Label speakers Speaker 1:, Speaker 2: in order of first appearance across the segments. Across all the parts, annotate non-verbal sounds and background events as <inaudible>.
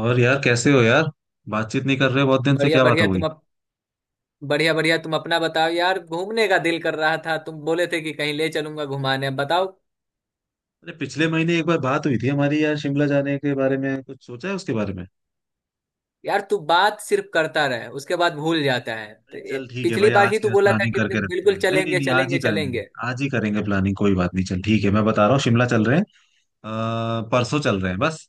Speaker 1: और यार कैसे हो यार। बातचीत नहीं कर रहे बहुत दिन से,
Speaker 2: बढ़िया
Speaker 1: क्या बात
Speaker 2: बढ़िया
Speaker 1: हो गई?
Speaker 2: तुम अप, बढ़िया बढ़िया तुम अपना बताओ यार, घूमने का दिल कर रहा था। तुम बोले थे कि कहीं ले चलूंगा घुमाने, अब बताओ।
Speaker 1: अरे पिछले महीने एक बार बात हुई थी हमारी यार, शिमला जाने के बारे में कुछ सोचा है उसके बारे में?
Speaker 2: यार, तू बात सिर्फ करता रहे, उसके बाद भूल जाता है।
Speaker 1: अरे
Speaker 2: तो
Speaker 1: चल ठीक है
Speaker 2: पिछली
Speaker 1: भाई,
Speaker 2: बार
Speaker 1: आज
Speaker 2: ही
Speaker 1: की
Speaker 2: तू
Speaker 1: आज
Speaker 2: बोला था
Speaker 1: प्लानिंग
Speaker 2: कि
Speaker 1: करके रखते हैं।
Speaker 2: बिल्कुल
Speaker 1: नहीं नहीं
Speaker 2: चलेंगे
Speaker 1: नहीं, आज ही
Speaker 2: चलेंगे
Speaker 1: करेंगे।
Speaker 2: चलेंगे।
Speaker 1: आज ही करेंगे प्लानिंग, कोई बात नहीं। चल ठीक है, मैं बता रहा हूँ शिमला चल रहे हैं। परसों चल रहे हैं बस।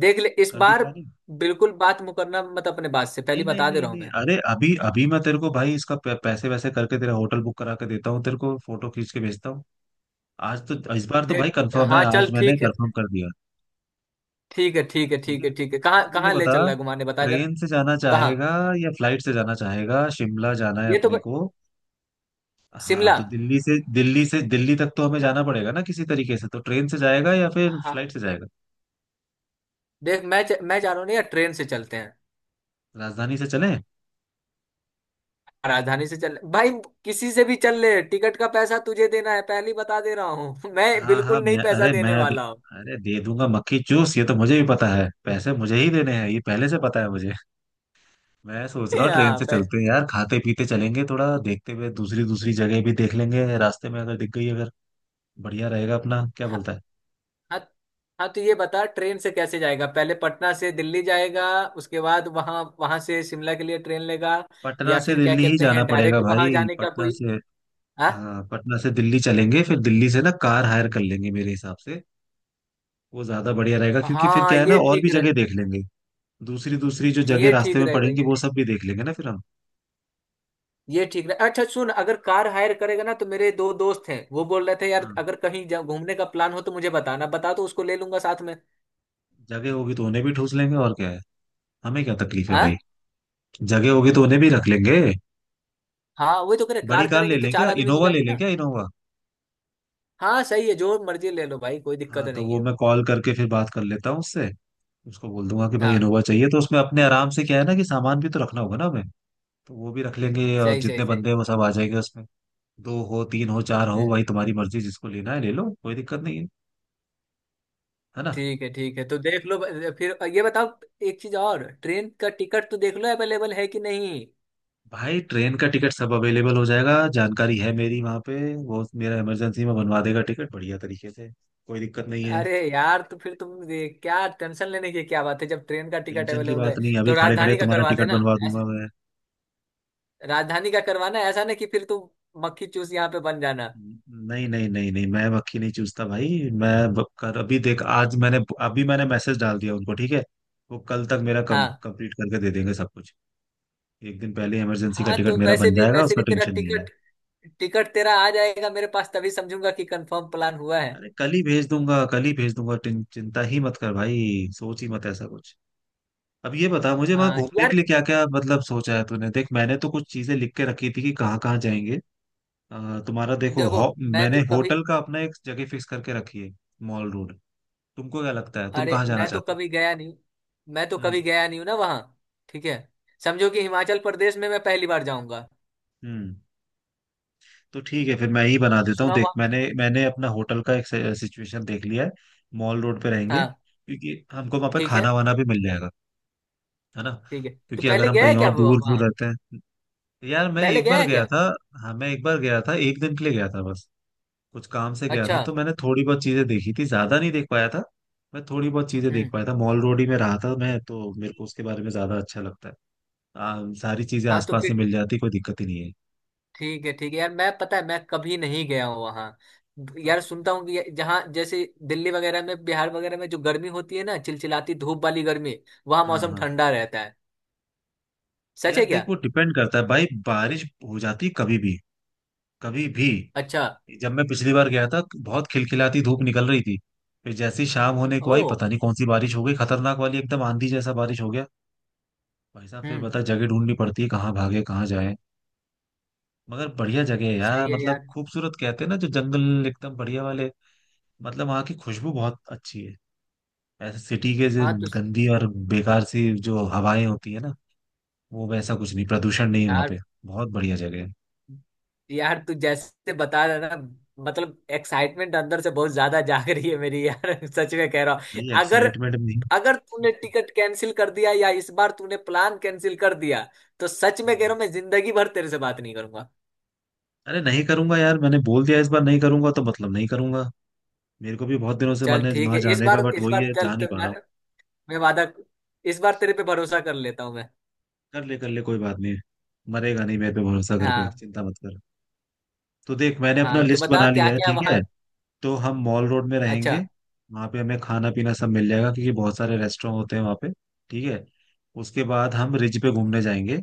Speaker 2: देख ले इस
Speaker 1: कर दी
Speaker 2: बार,
Speaker 1: प्लानिंग।
Speaker 2: बिल्कुल बात मुकरना मत अपने बात से।
Speaker 1: नहीं
Speaker 2: पहले
Speaker 1: नहीं
Speaker 2: बता दे
Speaker 1: नहीं
Speaker 2: रहा हूं
Speaker 1: नहीं,
Speaker 2: मैं।
Speaker 1: अरे अभी अभी मैं तेरे को भाई इसका पैसे वैसे करके तेरा होटल बुक करा के देता हूँ, तेरे को फोटो खींच के भेजता हूँ। आज तो, इस बार तो
Speaker 2: देख।
Speaker 1: भाई कंफर्म है,
Speaker 2: हाँ,
Speaker 1: आज
Speaker 2: चल
Speaker 1: मैंने
Speaker 2: ठीक
Speaker 1: कंफर्म
Speaker 2: है।
Speaker 1: कर दिया।
Speaker 2: ठीक है, ठीक है,
Speaker 1: ठीक
Speaker 2: ठीक
Speaker 1: है,
Speaker 2: है, ठीक है,
Speaker 1: अब
Speaker 2: कहाँ
Speaker 1: मुझे ये
Speaker 2: कहाँ ले
Speaker 1: बता,
Speaker 2: चल रहा है घुमाने, बता जरा।
Speaker 1: ट्रेन से जाना
Speaker 2: कहाँ?
Speaker 1: चाहेगा या फ्लाइट से जाना चाहेगा? शिमला जाना है
Speaker 2: ये तो
Speaker 1: अपने
Speaker 2: ब-
Speaker 1: को। हाँ
Speaker 2: शिमला।
Speaker 1: तो दिल्ली से, दिल्ली तक तो हमें जाना पड़ेगा ना किसी तरीके से, तो ट्रेन से जाएगा या फिर
Speaker 2: हाँ।
Speaker 1: फ्लाइट से जाएगा?
Speaker 2: देख, मैं जा रहा हूँ ना यार, ट्रेन से चलते हैं।
Speaker 1: राजधानी से चले।
Speaker 2: राजधानी से चल भाई। किसी से भी चल ले, टिकट का पैसा तुझे देना है, पहले ही बता दे रहा हूँ <laughs> मैं
Speaker 1: हाँ हाँ,
Speaker 2: बिल्कुल नहीं
Speaker 1: मैं
Speaker 2: पैसा
Speaker 1: अरे मैं
Speaker 2: देने
Speaker 1: दे,
Speaker 2: वाला हूँ।
Speaker 1: अरे दे दूंगा, मक्खी चूस। ये तो मुझे भी पता है पैसे मुझे ही देने हैं, ये पहले से पता है मुझे। मैं सोच रहा
Speaker 2: <laughs>
Speaker 1: हूँ ट्रेन
Speaker 2: हाँ
Speaker 1: से
Speaker 2: पह-
Speaker 1: चलते हैं यार, खाते पीते चलेंगे, थोड़ा देखते हुए दूसरी दूसरी जगह भी देख लेंगे रास्ते में, अगर दिख गई अगर। बढ़िया रहेगा, अपना क्या
Speaker 2: हाँ
Speaker 1: बोलता है?
Speaker 2: हाँ। हाँ, तो ये बता ट्रेन से कैसे जाएगा? पहले पटना से दिल्ली जाएगा, उसके बाद वहां वहां से शिमला के लिए ट्रेन लेगा?
Speaker 1: पटना
Speaker 2: या
Speaker 1: से
Speaker 2: फिर क्या
Speaker 1: दिल्ली ही
Speaker 2: कहते
Speaker 1: जाना
Speaker 2: हैं,
Speaker 1: पड़ेगा
Speaker 2: डायरेक्ट
Speaker 1: भाई,
Speaker 2: वहां जाने का
Speaker 1: पटना
Speaker 2: कोई?
Speaker 1: से।
Speaker 2: हाँ।
Speaker 1: हाँ पटना से दिल्ली चलेंगे, फिर दिल्ली से ना कार हायर कर लेंगे मेरे हिसाब से। वो ज्यादा बढ़िया रहेगा, क्योंकि फिर
Speaker 2: हाँ,
Speaker 1: क्या है ना,
Speaker 2: ये
Speaker 1: और भी
Speaker 2: ठीक
Speaker 1: जगह
Speaker 2: रहे।
Speaker 1: देख लेंगे। दूसरी दूसरी जो जगह
Speaker 2: ये
Speaker 1: रास्ते
Speaker 2: ठीक
Speaker 1: में
Speaker 2: रहेगा,
Speaker 1: पड़ेंगी
Speaker 2: ये
Speaker 1: वो सब
Speaker 2: ठीक।
Speaker 1: भी देख लेंगे ना फिर हम।
Speaker 2: ये ठीक रहे। अच्छा सुन, अगर कार हायर करेगा ना, तो मेरे दो दोस्त हैं, वो बोल रहे थे यार,
Speaker 1: हाँ,
Speaker 2: अगर कहीं घूमने का प्लान हो तो मुझे बताना, बता तो उसको ले लूंगा साथ में।
Speaker 1: जगह होगी तो उन्हें भी ठूस लेंगे, और क्या है। हमें क्या तकलीफ है
Speaker 2: हाँ।
Speaker 1: भाई। जगह होगी तो उन्हें भी रख लेंगे।
Speaker 2: हाँ, वही तो कह रहे,
Speaker 1: बड़ी
Speaker 2: कार
Speaker 1: कार ले
Speaker 2: करेंगे तो
Speaker 1: लें
Speaker 2: चार
Speaker 1: क्या,
Speaker 2: आदमी हो
Speaker 1: इनोवा ले
Speaker 2: जाएंगे
Speaker 1: लें
Speaker 2: ना।
Speaker 1: क्या, इनोवा।
Speaker 2: हाँ सही है, जो मर्जी ले लो भाई, कोई
Speaker 1: हाँ
Speaker 2: दिक्कत
Speaker 1: तो
Speaker 2: नहीं
Speaker 1: वो
Speaker 2: है।
Speaker 1: मैं कॉल करके फिर बात कर लेता हूँ उससे। उसको बोल दूंगा कि भाई
Speaker 2: हाँ।
Speaker 1: इनोवा चाहिए, तो उसमें अपने आराम से, क्या है ना कि सामान भी तो रखना होगा ना हमें। तो वो भी रख लेंगे, और
Speaker 2: सही सही
Speaker 1: जितने
Speaker 2: सही।
Speaker 1: बंदे हैं वो सब आ जाएंगे उसमें। दो हो, तीन हो, चार हो,
Speaker 2: हम्म,
Speaker 1: भाई तुम्हारी मर्जी, जिसको लेना है ले लो, कोई दिक्कत नहीं है। है ना?
Speaker 2: ठीक है, ठीक है, तो देख लो। फिर ये बताओ, एक चीज और, ट्रेन का टिकट तो देख लो अवेलेबल है कि नहीं।
Speaker 1: भाई ट्रेन का टिकट सब अवेलेबल हो जाएगा, जानकारी है मेरी वहां पे। वो मेरा इमरजेंसी में बनवा देगा टिकट बढ़िया तरीके से। कोई दिक्कत नहीं है।
Speaker 2: अरे यार, तो फिर तुम ये क्या टेंशन लेने की क्या बात है, जब ट्रेन का टिकट
Speaker 1: टेंशन की
Speaker 2: अवेलेबल
Speaker 1: बात
Speaker 2: है।
Speaker 1: नहीं, अभी
Speaker 2: तो
Speaker 1: खड़े खड़े
Speaker 2: राजधानी का
Speaker 1: तुम्हारा
Speaker 2: करवा
Speaker 1: टिकट
Speaker 2: देना।
Speaker 1: बनवा
Speaker 2: ऐसा।
Speaker 1: दूंगा मैं।
Speaker 2: राजधानी का करवाना, ऐसा ना कि फिर तुम मक्खी चूस यहाँ पे बन जाना।
Speaker 1: नहीं नहीं नहीं नहीं, मैं मक्खी नहीं चूसता भाई। मैं ब- कर अभी देख, आज मैंने, अभी मैंने मैसेज डाल दिया उनको, ठीक है। वो कल तक मेरा कम
Speaker 2: हाँ।
Speaker 1: कंप्लीट करके दे देंगे सब कुछ। एक दिन पहले इमरजेंसी का
Speaker 2: हाँ,
Speaker 1: टिकट
Speaker 2: तो
Speaker 1: मेरा बन जाएगा,
Speaker 2: वैसे
Speaker 1: उसका
Speaker 2: भी तेरा
Speaker 1: टेंशन नहीं है।
Speaker 2: टिकट टिकट तेरा आ जाएगा मेरे पास, तभी समझूंगा कि कंफर्म प्लान हुआ है।
Speaker 1: अरे कल ही भेज दूंगा, कल ही भेज दूंगा। चिंता ही मत कर भाई। सोच ही मत ऐसा कुछ। अब ये बता मुझे, वहां
Speaker 2: हाँ
Speaker 1: घूमने
Speaker 2: यार।
Speaker 1: के लिए क्या क्या मतलब सोचा है तूने? देख मैंने तो कुछ चीजें लिख के रखी थी कि कहाँ कहाँ जाएंगे। तुम्हारा देखो
Speaker 2: देखो। मैं
Speaker 1: मैंने
Speaker 2: तो कभी।
Speaker 1: होटल का अपना एक जगह फिक्स करके रखी है। Mall Road. तुमको क्या लगता है, तुम
Speaker 2: अरे,
Speaker 1: कहाँ जाना
Speaker 2: मैं तो
Speaker 1: चाहते हो?
Speaker 2: कभी गया नहीं हूँ। मैं तो
Speaker 1: हम्म,
Speaker 2: कभी गया नहीं हूँ ना वहाँ। ठीक है। समझो कि हिमाचल प्रदेश में मैं पहली बार जाऊंगा।
Speaker 1: हम्म। तो ठीक है, फिर मैं ही बना देता हूँ।
Speaker 2: सुना
Speaker 1: देख,
Speaker 2: हुआ।
Speaker 1: मैंने मैंने अपना होटल का एक सिचुएशन देख लिया है। मॉल रोड पे रहेंगे,
Speaker 2: हाँ।
Speaker 1: क्योंकि हमको वहां पे
Speaker 2: ठीक
Speaker 1: खाना
Speaker 2: है,
Speaker 1: वाना भी मिल जाएगा। है ना?
Speaker 2: ठीक है। तो
Speaker 1: क्योंकि अगर
Speaker 2: पहले
Speaker 1: हम
Speaker 2: गया है
Speaker 1: कहीं
Speaker 2: क्या
Speaker 1: और
Speaker 2: वो
Speaker 1: दूर
Speaker 2: वहाँ?
Speaker 1: दूर रहते हैं। यार मैं
Speaker 2: पहले
Speaker 1: एक
Speaker 2: गया
Speaker 1: बार
Speaker 2: है
Speaker 1: गया
Speaker 2: क्या?
Speaker 1: था। हाँ मैं एक बार गया था, एक दिन के लिए गया था बस। कुछ काम से गया
Speaker 2: अच्छा।
Speaker 1: था, तो मैंने थोड़ी बहुत चीजें देखी थी, ज्यादा नहीं देख पाया था। मैं थोड़ी बहुत चीजें देख
Speaker 2: हम्म।
Speaker 1: पाया था। मॉल रोड ही में रहा था मैं, तो मेरे को उसके बारे में ज्यादा अच्छा लगता है। सारी चीजें
Speaker 2: हाँ तो
Speaker 1: आसपास ही
Speaker 2: फिर।
Speaker 1: मिल जाती, कोई दिक्कत ही नहीं है।
Speaker 2: ठीक है, ठीक है यार, मैं पता है मैं कभी नहीं गया हूँ वहाँ। यार
Speaker 1: अच्छा।
Speaker 2: सुनता हूँ कि जहाँ, जैसे दिल्ली वगैरह में, बिहार वगैरह में जो गर्मी होती है ना, चिलचिलाती धूप वाली गर्मी, वहाँ
Speaker 1: हाँ
Speaker 2: मौसम
Speaker 1: हाँ,
Speaker 2: ठंडा रहता है, सच
Speaker 1: यार
Speaker 2: है क्या?
Speaker 1: देख, वो डिपेंड करता है भाई, बारिश हो जाती कभी भी। कभी भी।
Speaker 2: अच्छा।
Speaker 1: जब मैं पिछली बार गया था, बहुत खिलखिलाती धूप निकल रही थी। फिर जैसी शाम होने को
Speaker 2: ओ।
Speaker 1: आई, पता नहीं कौन सी बारिश हो गई, खतरनाक वाली, एकदम आंधी जैसा बारिश हो गया। भाई साहब फिर
Speaker 2: हम्म।
Speaker 1: बता, जगह ढूंढनी पड़ती है, कहाँ भागे कहाँ जाए। मगर बढ़िया जगह है यार,
Speaker 2: सही है
Speaker 1: मतलब
Speaker 2: यार।
Speaker 1: खूबसूरत, कहते हैं ना जो जंगल एकदम बढ़िया वाले। मतलब वहाँ की खुशबू बहुत अच्छी है। ऐसे सिटी के जो
Speaker 2: हाँ तो।
Speaker 1: गंदी और बेकार सी जो हवाएं होती है ना, वो वैसा कुछ नहीं, प्रदूषण नहीं वहाँ
Speaker 2: यार
Speaker 1: पे। बहुत बढ़िया जगह है।
Speaker 2: यार, तू जैसे बता रहा है ना, मतलब एक्साइटमेंट अंदर से बहुत ज्यादा जाग रही है मेरी यार। <laughs> सच में कह रहा हूँ,
Speaker 1: नहीं
Speaker 2: अगर,
Speaker 1: एक्साइटमेंट।
Speaker 2: अगर तूने टिकट कैंसिल कर दिया या इस बार तूने प्लान कैंसिल कर दिया, तो सच में
Speaker 1: हम्म।
Speaker 2: कह रहा हूँ मैं जिंदगी भर तेरे से बात नहीं करूंगा।
Speaker 1: अरे नहीं करूंगा यार, मैंने बोल दिया इस बार नहीं करूंगा तो मतलब नहीं करूंगा। मेरे को भी बहुत दिनों से मन
Speaker 2: चल
Speaker 1: है
Speaker 2: ठीक
Speaker 1: वहां
Speaker 2: है,
Speaker 1: जाने का, बट
Speaker 2: इस
Speaker 1: वही
Speaker 2: बार
Speaker 1: है,
Speaker 2: चल।
Speaker 1: जा नहीं
Speaker 2: तो
Speaker 1: पा
Speaker 2: मैं,
Speaker 1: रहा हूँ।
Speaker 2: मैं वादा, इस बार तेरे पे भरोसा कर लेता हूँ मैं।
Speaker 1: कर ले कर ले, कोई बात नहीं। मरेगा नहीं मेरे पे भरोसा कर, पे
Speaker 2: हाँ।
Speaker 1: चिंता मत कर। तो देख, मैंने अपना
Speaker 2: हाँ, तो
Speaker 1: लिस्ट
Speaker 2: बता
Speaker 1: बना
Speaker 2: क्या
Speaker 1: लिया है,
Speaker 2: क्या
Speaker 1: ठीक
Speaker 2: वहाँ।
Speaker 1: है। तो हम मॉल रोड में रहेंगे।
Speaker 2: अच्छा।
Speaker 1: वहां पे हमें खाना पीना सब मिल जाएगा, क्योंकि बहुत सारे रेस्टोरेंट होते हैं वहां पे। ठीक है। उसके बाद हम रिज पे घूमने जाएंगे।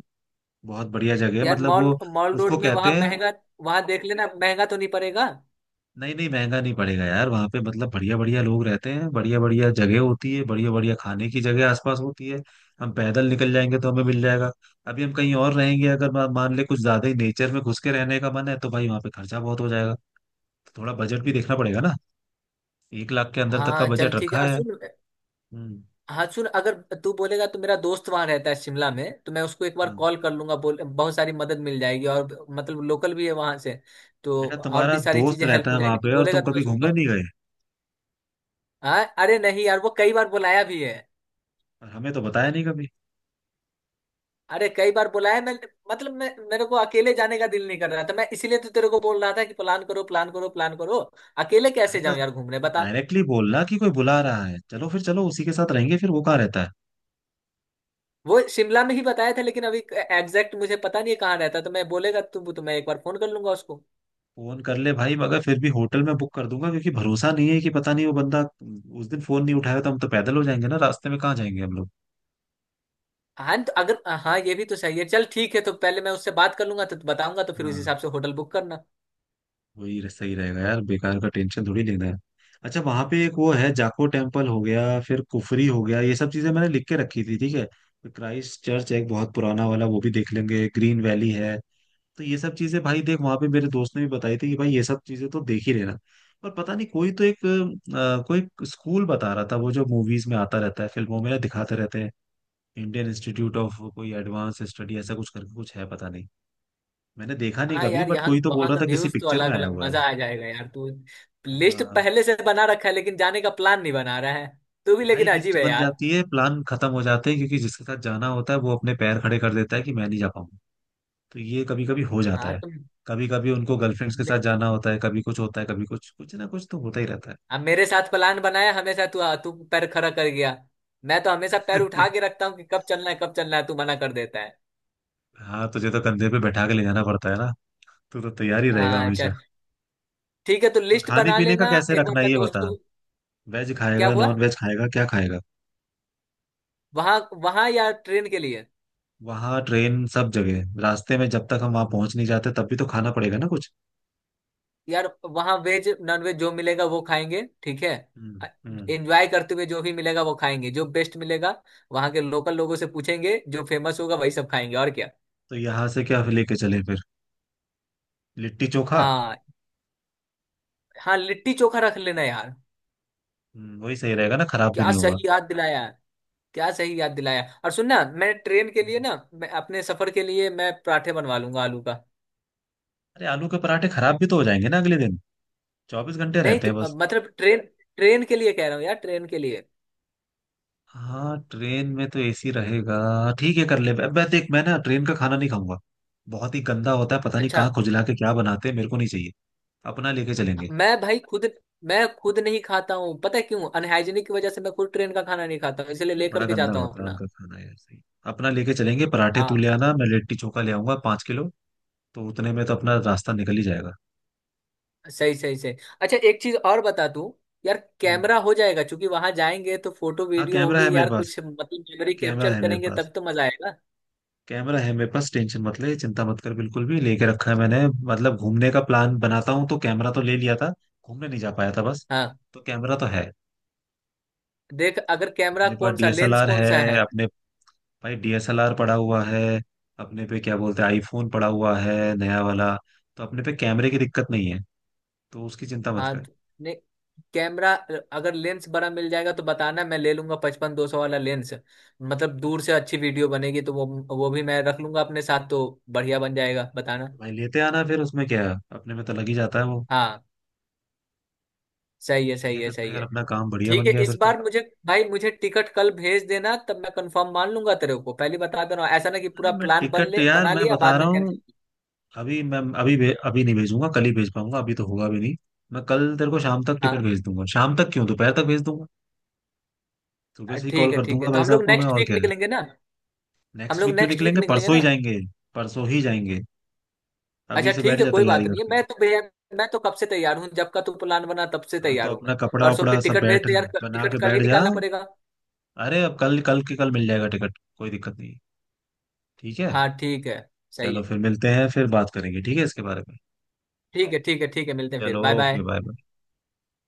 Speaker 1: बहुत बढ़िया जगह है,
Speaker 2: यार,
Speaker 1: मतलब
Speaker 2: मॉल
Speaker 1: वो
Speaker 2: मॉल
Speaker 1: उसको
Speaker 2: रोड में वहाँ
Speaker 1: कहते हैं।
Speaker 2: महंगा, वहाँ देख लेना महंगा तो नहीं पड़ेगा।
Speaker 1: नहीं नहीं, महंगा नहीं पड़ेगा यार। वहां पे मतलब बढ़िया बढ़िया लोग रहते हैं, बढ़िया बढ़िया जगह होती है, बढ़िया बढ़िया खाने की जगह आसपास होती है। हम पैदल निकल जाएंगे तो हमें मिल जाएगा। अभी हम कहीं और रहेंगे, अगर मान ले कुछ ज्यादा ही नेचर में घुस के रहने का मन है, तो भाई वहां पे खर्चा बहुत हो जाएगा। तो थोड़ा बजट भी देखना पड़ेगा ना। एक लाख के अंदर तक का
Speaker 2: हाँ चल
Speaker 1: बजट
Speaker 2: ठीक है,
Speaker 1: रखा
Speaker 2: और
Speaker 1: है।
Speaker 2: सुन।
Speaker 1: हम्म।
Speaker 2: हाँ सुन, अगर तू बोलेगा तो मेरा दोस्त वहां रहता है शिमला में, तो मैं उसको एक बार
Speaker 1: हाँ।
Speaker 2: कॉल कर लूंगा, बोल बहुत सारी मदद मिल जाएगी, और मतलब लोकल भी है वहां से, तो
Speaker 1: बेटा
Speaker 2: और
Speaker 1: तुम्हारा
Speaker 2: भी सारी
Speaker 1: दोस्त
Speaker 2: चीजें हेल्प
Speaker 1: रहता
Speaker 2: हो
Speaker 1: है वहां
Speaker 2: जाएगी। तू
Speaker 1: पे, और
Speaker 2: बोलेगा
Speaker 1: तुम
Speaker 2: तो मैं
Speaker 1: कभी
Speaker 2: उसको
Speaker 1: घूमने नहीं गए?
Speaker 2: हाँ। अरे नहीं यार, वो कई बार बुलाया भी है।
Speaker 1: और हमें तो बताया नहीं कभी।
Speaker 2: अरे कई बार बुलाया। मैं मतलब, मैं, मेरे को अकेले जाने का दिल नहीं कर रहा था, मैं इसीलिए तो तेरे को बोल रहा था कि प्लान करो प्लान करो प्लान करो। अकेले
Speaker 1: अरे
Speaker 2: कैसे
Speaker 1: तो
Speaker 2: जाऊं यार घूमने, बता।
Speaker 1: डायरेक्टली बोलना कि कोई बुला रहा है, चलो फिर चलो उसी के साथ रहेंगे। फिर वो कहाँ रहता है?
Speaker 2: वो शिमला में ही बताया था, लेकिन अभी एग्जैक्ट मुझे पता नहीं है कहाँ रहता, तो मैं, बोलेगा तू तो मैं एक बार फोन कर लूंगा उसको।
Speaker 1: फोन कर ले भाई, मगर फिर भी होटल में बुक कर दूंगा, क्योंकि भरोसा नहीं है कि पता नहीं वो बंदा उस दिन फोन नहीं उठाया तो हम तो पैदल हो जाएंगे ना, रास्ते में कहाँ जाएंगे हम लोग।
Speaker 2: हाँ तो अगर, हाँ ये भी तो सही है। चल ठीक है, तो पहले मैं उससे बात कर लूंगा तो बताऊंगा, तो फिर उस
Speaker 1: हाँ,
Speaker 2: हिसाब से होटल बुक करना।
Speaker 1: सही रहेगा यार, बेकार का टेंशन थोड़ी लेना है। अच्छा वहां पे एक वो है, जाको टेम्पल हो गया, फिर कुफरी हो गया, ये सब चीजें मैंने लिख के रखी थी, ठीक है। फिर क्राइस्ट चर्च है एक बहुत पुराना वाला, वो भी देख लेंगे। ग्रीन वैली है। तो ये सब चीजें भाई, देख वहां पे मेरे दोस्त ने भी बताई थी कि भाई ये सब चीजें तो देख ही लेना। पर पता नहीं, कोई तो एक कोई स्कूल बता रहा था, वो जो मूवीज में आता रहता है, फिल्मों में ना दिखाते रहते हैं। इंडियन इंस्टीट्यूट ऑफ कोई एडवांस स्टडी ऐसा कुछ करके कुछ है, पता नहीं। मैंने देखा नहीं
Speaker 2: हाँ
Speaker 1: कभी,
Speaker 2: यार,
Speaker 1: बट
Speaker 2: यहाँ
Speaker 1: कोई तो बोल
Speaker 2: वहाँ
Speaker 1: रहा
Speaker 2: का
Speaker 1: था किसी
Speaker 2: व्यूज तो
Speaker 1: पिक्चर में
Speaker 2: अलग
Speaker 1: आया
Speaker 2: अलग,
Speaker 1: हुआ है।
Speaker 2: मजा आ जाएगा यार। तू लिस्ट
Speaker 1: अ,
Speaker 2: पहले से बना रखा है लेकिन जाने का प्लान नहीं बना रहा है, तू भी
Speaker 1: भाई
Speaker 2: लेकिन
Speaker 1: लिस्ट
Speaker 2: अजीब है
Speaker 1: बन
Speaker 2: यार।
Speaker 1: जाती है, प्लान खत्म हो जाते हैं, क्योंकि जिसके साथ जाना होता है वो अपने पैर खड़े कर देता है कि मैं नहीं जा पाऊंगा। तो ये कभी कभी हो जाता
Speaker 2: हाँ
Speaker 1: है।
Speaker 2: तुम।
Speaker 1: कभी कभी उनको
Speaker 2: तु,
Speaker 1: गर्लफ्रेंड्स के
Speaker 2: मे,
Speaker 1: साथ जाना होता है, कभी कुछ होता है, कभी कुछ, कुछ ना कुछ तो होता ही रहता है।
Speaker 2: अब मेरे साथ प्लान बनाया हमेशा, तू तू पैर खड़ा कर गया। मैं तो हमेशा पैर उठा के रखता हूँ कि कब चलना है कब चलना है, तू मना कर देता है।
Speaker 1: हाँ तुझे तो कंधे पे बैठा के ले जाना पड़ता है ना। तू तो तैयार ही रहेगा
Speaker 2: हाँ
Speaker 1: हमेशा।
Speaker 2: चल ठीक है, तो
Speaker 1: और
Speaker 2: लिस्ट
Speaker 1: खाने
Speaker 2: बना
Speaker 1: पीने का
Speaker 2: लेना,
Speaker 1: कैसे
Speaker 2: एक बार
Speaker 1: रखना है
Speaker 2: मैं
Speaker 1: ये
Speaker 2: दोस्त
Speaker 1: बता।
Speaker 2: को।
Speaker 1: वेज
Speaker 2: क्या
Speaker 1: खाएगा,
Speaker 2: हुआ?
Speaker 1: नॉन वेज खाएगा, क्या खाएगा?
Speaker 2: वहाँ? वहाँ या ट्रेन के लिए?
Speaker 1: वहाँ, ट्रेन, सब जगह, रास्ते में जब तक हम वहाँ पहुंच नहीं जाते तब भी तो खाना पड़ेगा ना कुछ।
Speaker 2: यार, वहां वेज नॉन वेज जो मिलेगा वो खाएंगे, ठीक है।
Speaker 1: हम्म, हम्म।
Speaker 2: एंजॉय करते हुए जो भी मिलेगा वो खाएंगे, जो बेस्ट मिलेगा। वहां के लोकल लोगों से पूछेंगे, जो फेमस होगा वही सब खाएंगे, और क्या।
Speaker 1: तो यहाँ से क्या लेके चले फिर? लिट्टी चोखा।
Speaker 2: हाँ। हाँ, लिट्टी चोखा रख लेना यार।
Speaker 1: वही सही रहेगा ना, खराब भी
Speaker 2: क्या
Speaker 1: नहीं होगा।
Speaker 2: सही याद दिलाया। क्या सही याद दिलाया, और सुन ना, मैं ट्रेन के लिए
Speaker 1: हम्म।
Speaker 2: ना, मैं अपने सफर के लिए, मैं पराठे बनवा लूंगा आलू का।
Speaker 1: अरे आलू के पराठे खराब भी तो हो जाएंगे ना अगले दिन। 24 घंटे
Speaker 2: नहीं
Speaker 1: रहते
Speaker 2: तो,
Speaker 1: हैं बस।
Speaker 2: मतलब ट्रेन, ट्रेन के लिए कह रहा हूँ यार, ट्रेन के लिए।
Speaker 1: हाँ ट्रेन में तो एसी रहेगा। ठीक है कर ले। मैं देख, मैं ना ट्रेन का खाना नहीं खाऊंगा। बहुत ही गंदा होता है, पता नहीं
Speaker 2: अच्छा।
Speaker 1: कहाँ खुजला के क्या बनाते हैं, मेरे को नहीं चाहिए। अपना लेके चलेंगे।
Speaker 2: मैं भाई खुद, मैं खुद नहीं खाता हूँ, पता है क्यों? अनहाइजीनिक की वजह से मैं खुद ट्रेन का खाना नहीं खाता हूँ, इसलिए
Speaker 1: अरे बड़ा
Speaker 2: लेकर के
Speaker 1: गंदा
Speaker 2: जाता हूँ
Speaker 1: होता है
Speaker 2: अपना।
Speaker 1: उनका खाना यार, सही। अपना लेके चलेंगे। पराठे तू
Speaker 2: हाँ।
Speaker 1: ले आना, मैं लिट्टी चोखा ले आऊंगा 5 किलो। तो उतने में तो अपना रास्ता निकल ही जाएगा।
Speaker 2: सही सही सही। अच्छा एक चीज और, बता तू, यार
Speaker 1: हाँ।
Speaker 2: कैमरा हो जाएगा क्योंकि वहां जाएंगे तो फोटो
Speaker 1: हाँ
Speaker 2: वीडियो
Speaker 1: कैमरा है
Speaker 2: होगी
Speaker 1: मेरे
Speaker 2: यार
Speaker 1: पास।
Speaker 2: कुछ, मतलब मेमोरी
Speaker 1: कैमरा
Speaker 2: कैप्चर
Speaker 1: है मेरे
Speaker 2: करेंगे
Speaker 1: पास।
Speaker 2: तब तो मजा आएगा।
Speaker 1: कैमरा है मेरे पास, टेंशन मत ले, चिंता मत कर, बिल्कुल भी, लेके रखा है मैंने। मतलब घूमने का प्लान बनाता हूँ तो कैमरा तो ले लिया था। घूमने नहीं जा पाया था बस।
Speaker 2: हाँ।
Speaker 1: तो कैमरा तो है।
Speaker 2: देख अगर कैमरा,
Speaker 1: अपने पास
Speaker 2: कौन सा लेंस
Speaker 1: डीएसएलआर
Speaker 2: कौन
Speaker 1: है।
Speaker 2: सा है?
Speaker 1: अपने, भाई डीएसएलआर पड़ा हुआ है। अपने पे क्या बोलते हैं, आईफोन पड़ा हुआ है नया वाला। तो अपने पे कैमरे की दिक्कत नहीं है। तो उसकी चिंता मत
Speaker 2: हाँ
Speaker 1: कर।
Speaker 2: तो। नहीं। कैमरा। अगर लेंस बड़ा मिल जाएगा तो बताना, मैं ले लूंगा, 55-200 वाला लेंस, मतलब दूर से अच्छी वीडियो बनेगी, तो वो भी मैं रख लूंगा अपने साथ, तो बढ़िया बन जाएगा, बताना।
Speaker 1: भाई लेते आना, फिर उसमें क्या है, अपने में तो लग ही जाता है वो।
Speaker 2: हाँ। सही है,
Speaker 1: ये
Speaker 2: सही है,
Speaker 1: फिर तो
Speaker 2: सही
Speaker 1: यार
Speaker 2: है।
Speaker 1: अपना काम बढ़िया बन
Speaker 2: ठीक है,
Speaker 1: गया
Speaker 2: इस
Speaker 1: फिर तो।
Speaker 2: बार मुझे, भाई मुझे टिकट कल भेज देना, तब मैं कंफर्म मान लूंगा, तेरे को पहले बता दे रहा हूँ, ऐसा ना कि
Speaker 1: अरे
Speaker 2: पूरा
Speaker 1: मैं
Speaker 2: प्लान बन
Speaker 1: टिकट
Speaker 2: ले
Speaker 1: यार,
Speaker 2: बना
Speaker 1: मैं
Speaker 2: लिया,
Speaker 1: बता
Speaker 2: बाद
Speaker 1: रहा
Speaker 2: में
Speaker 1: हूँ।
Speaker 2: कैंसिल।
Speaker 1: अभी मैं अभी भे, अभी नहीं भेजूंगा, कल ही भेज पाऊंगा, अभी तो होगा भी नहीं। मैं कल तेरे को शाम तक टिकट
Speaker 2: हाँ
Speaker 1: भेज दूंगा। शाम तक क्यों, दोपहर तक भेज दूंगा। सुबह से ही कॉल
Speaker 2: ठीक है,
Speaker 1: कर
Speaker 2: ठीक है,
Speaker 1: दूंगा
Speaker 2: तो
Speaker 1: भाई
Speaker 2: हम
Speaker 1: साहब
Speaker 2: लोग
Speaker 1: को मैं,
Speaker 2: नेक्स्ट
Speaker 1: और
Speaker 2: वीक
Speaker 1: क्या है।
Speaker 2: निकलेंगे ना? हम
Speaker 1: नेक्स्ट
Speaker 2: लोग
Speaker 1: वीक क्यों
Speaker 2: नेक्स्ट वीक
Speaker 1: निकलेंगे,
Speaker 2: निकलेंगे
Speaker 1: परसों ही
Speaker 2: ना?
Speaker 1: जाएंगे। परसों ही जाएंगे, अभी
Speaker 2: अच्छा
Speaker 1: से
Speaker 2: ठीक
Speaker 1: बैठ
Speaker 2: है,
Speaker 1: जा
Speaker 2: कोई
Speaker 1: तैयारी
Speaker 2: बात नहीं है,
Speaker 1: करके।
Speaker 2: मैं तो भैया, मैं तो कब से तैयार हूँ, जब का तू प्लान बना तब से
Speaker 1: हाँ
Speaker 2: तैयार
Speaker 1: तो
Speaker 2: हूँ
Speaker 1: अपना
Speaker 2: मैं।
Speaker 1: कपड़ा
Speaker 2: परसों
Speaker 1: वपड़ा
Speaker 2: फिर
Speaker 1: सब
Speaker 2: टिकट भेज
Speaker 1: बैठ,
Speaker 2: दे यार,
Speaker 1: बना
Speaker 2: टिकट
Speaker 1: के
Speaker 2: कल ही
Speaker 1: बैठ जा।
Speaker 2: निकालना पड़ेगा।
Speaker 1: अरे अब कल, कल के कल मिल जाएगा टिकट, कोई दिक्कत नहीं। ठीक है।
Speaker 2: हाँ ठीक है। सही है।
Speaker 1: चलो फिर मिलते हैं, फिर बात करेंगे ठीक है इसके बारे में।
Speaker 2: ठीक है, ठीक है, ठीक है, मिलते हैं फिर,
Speaker 1: चलो
Speaker 2: बाय
Speaker 1: ओके,
Speaker 2: बाय।
Speaker 1: बाय।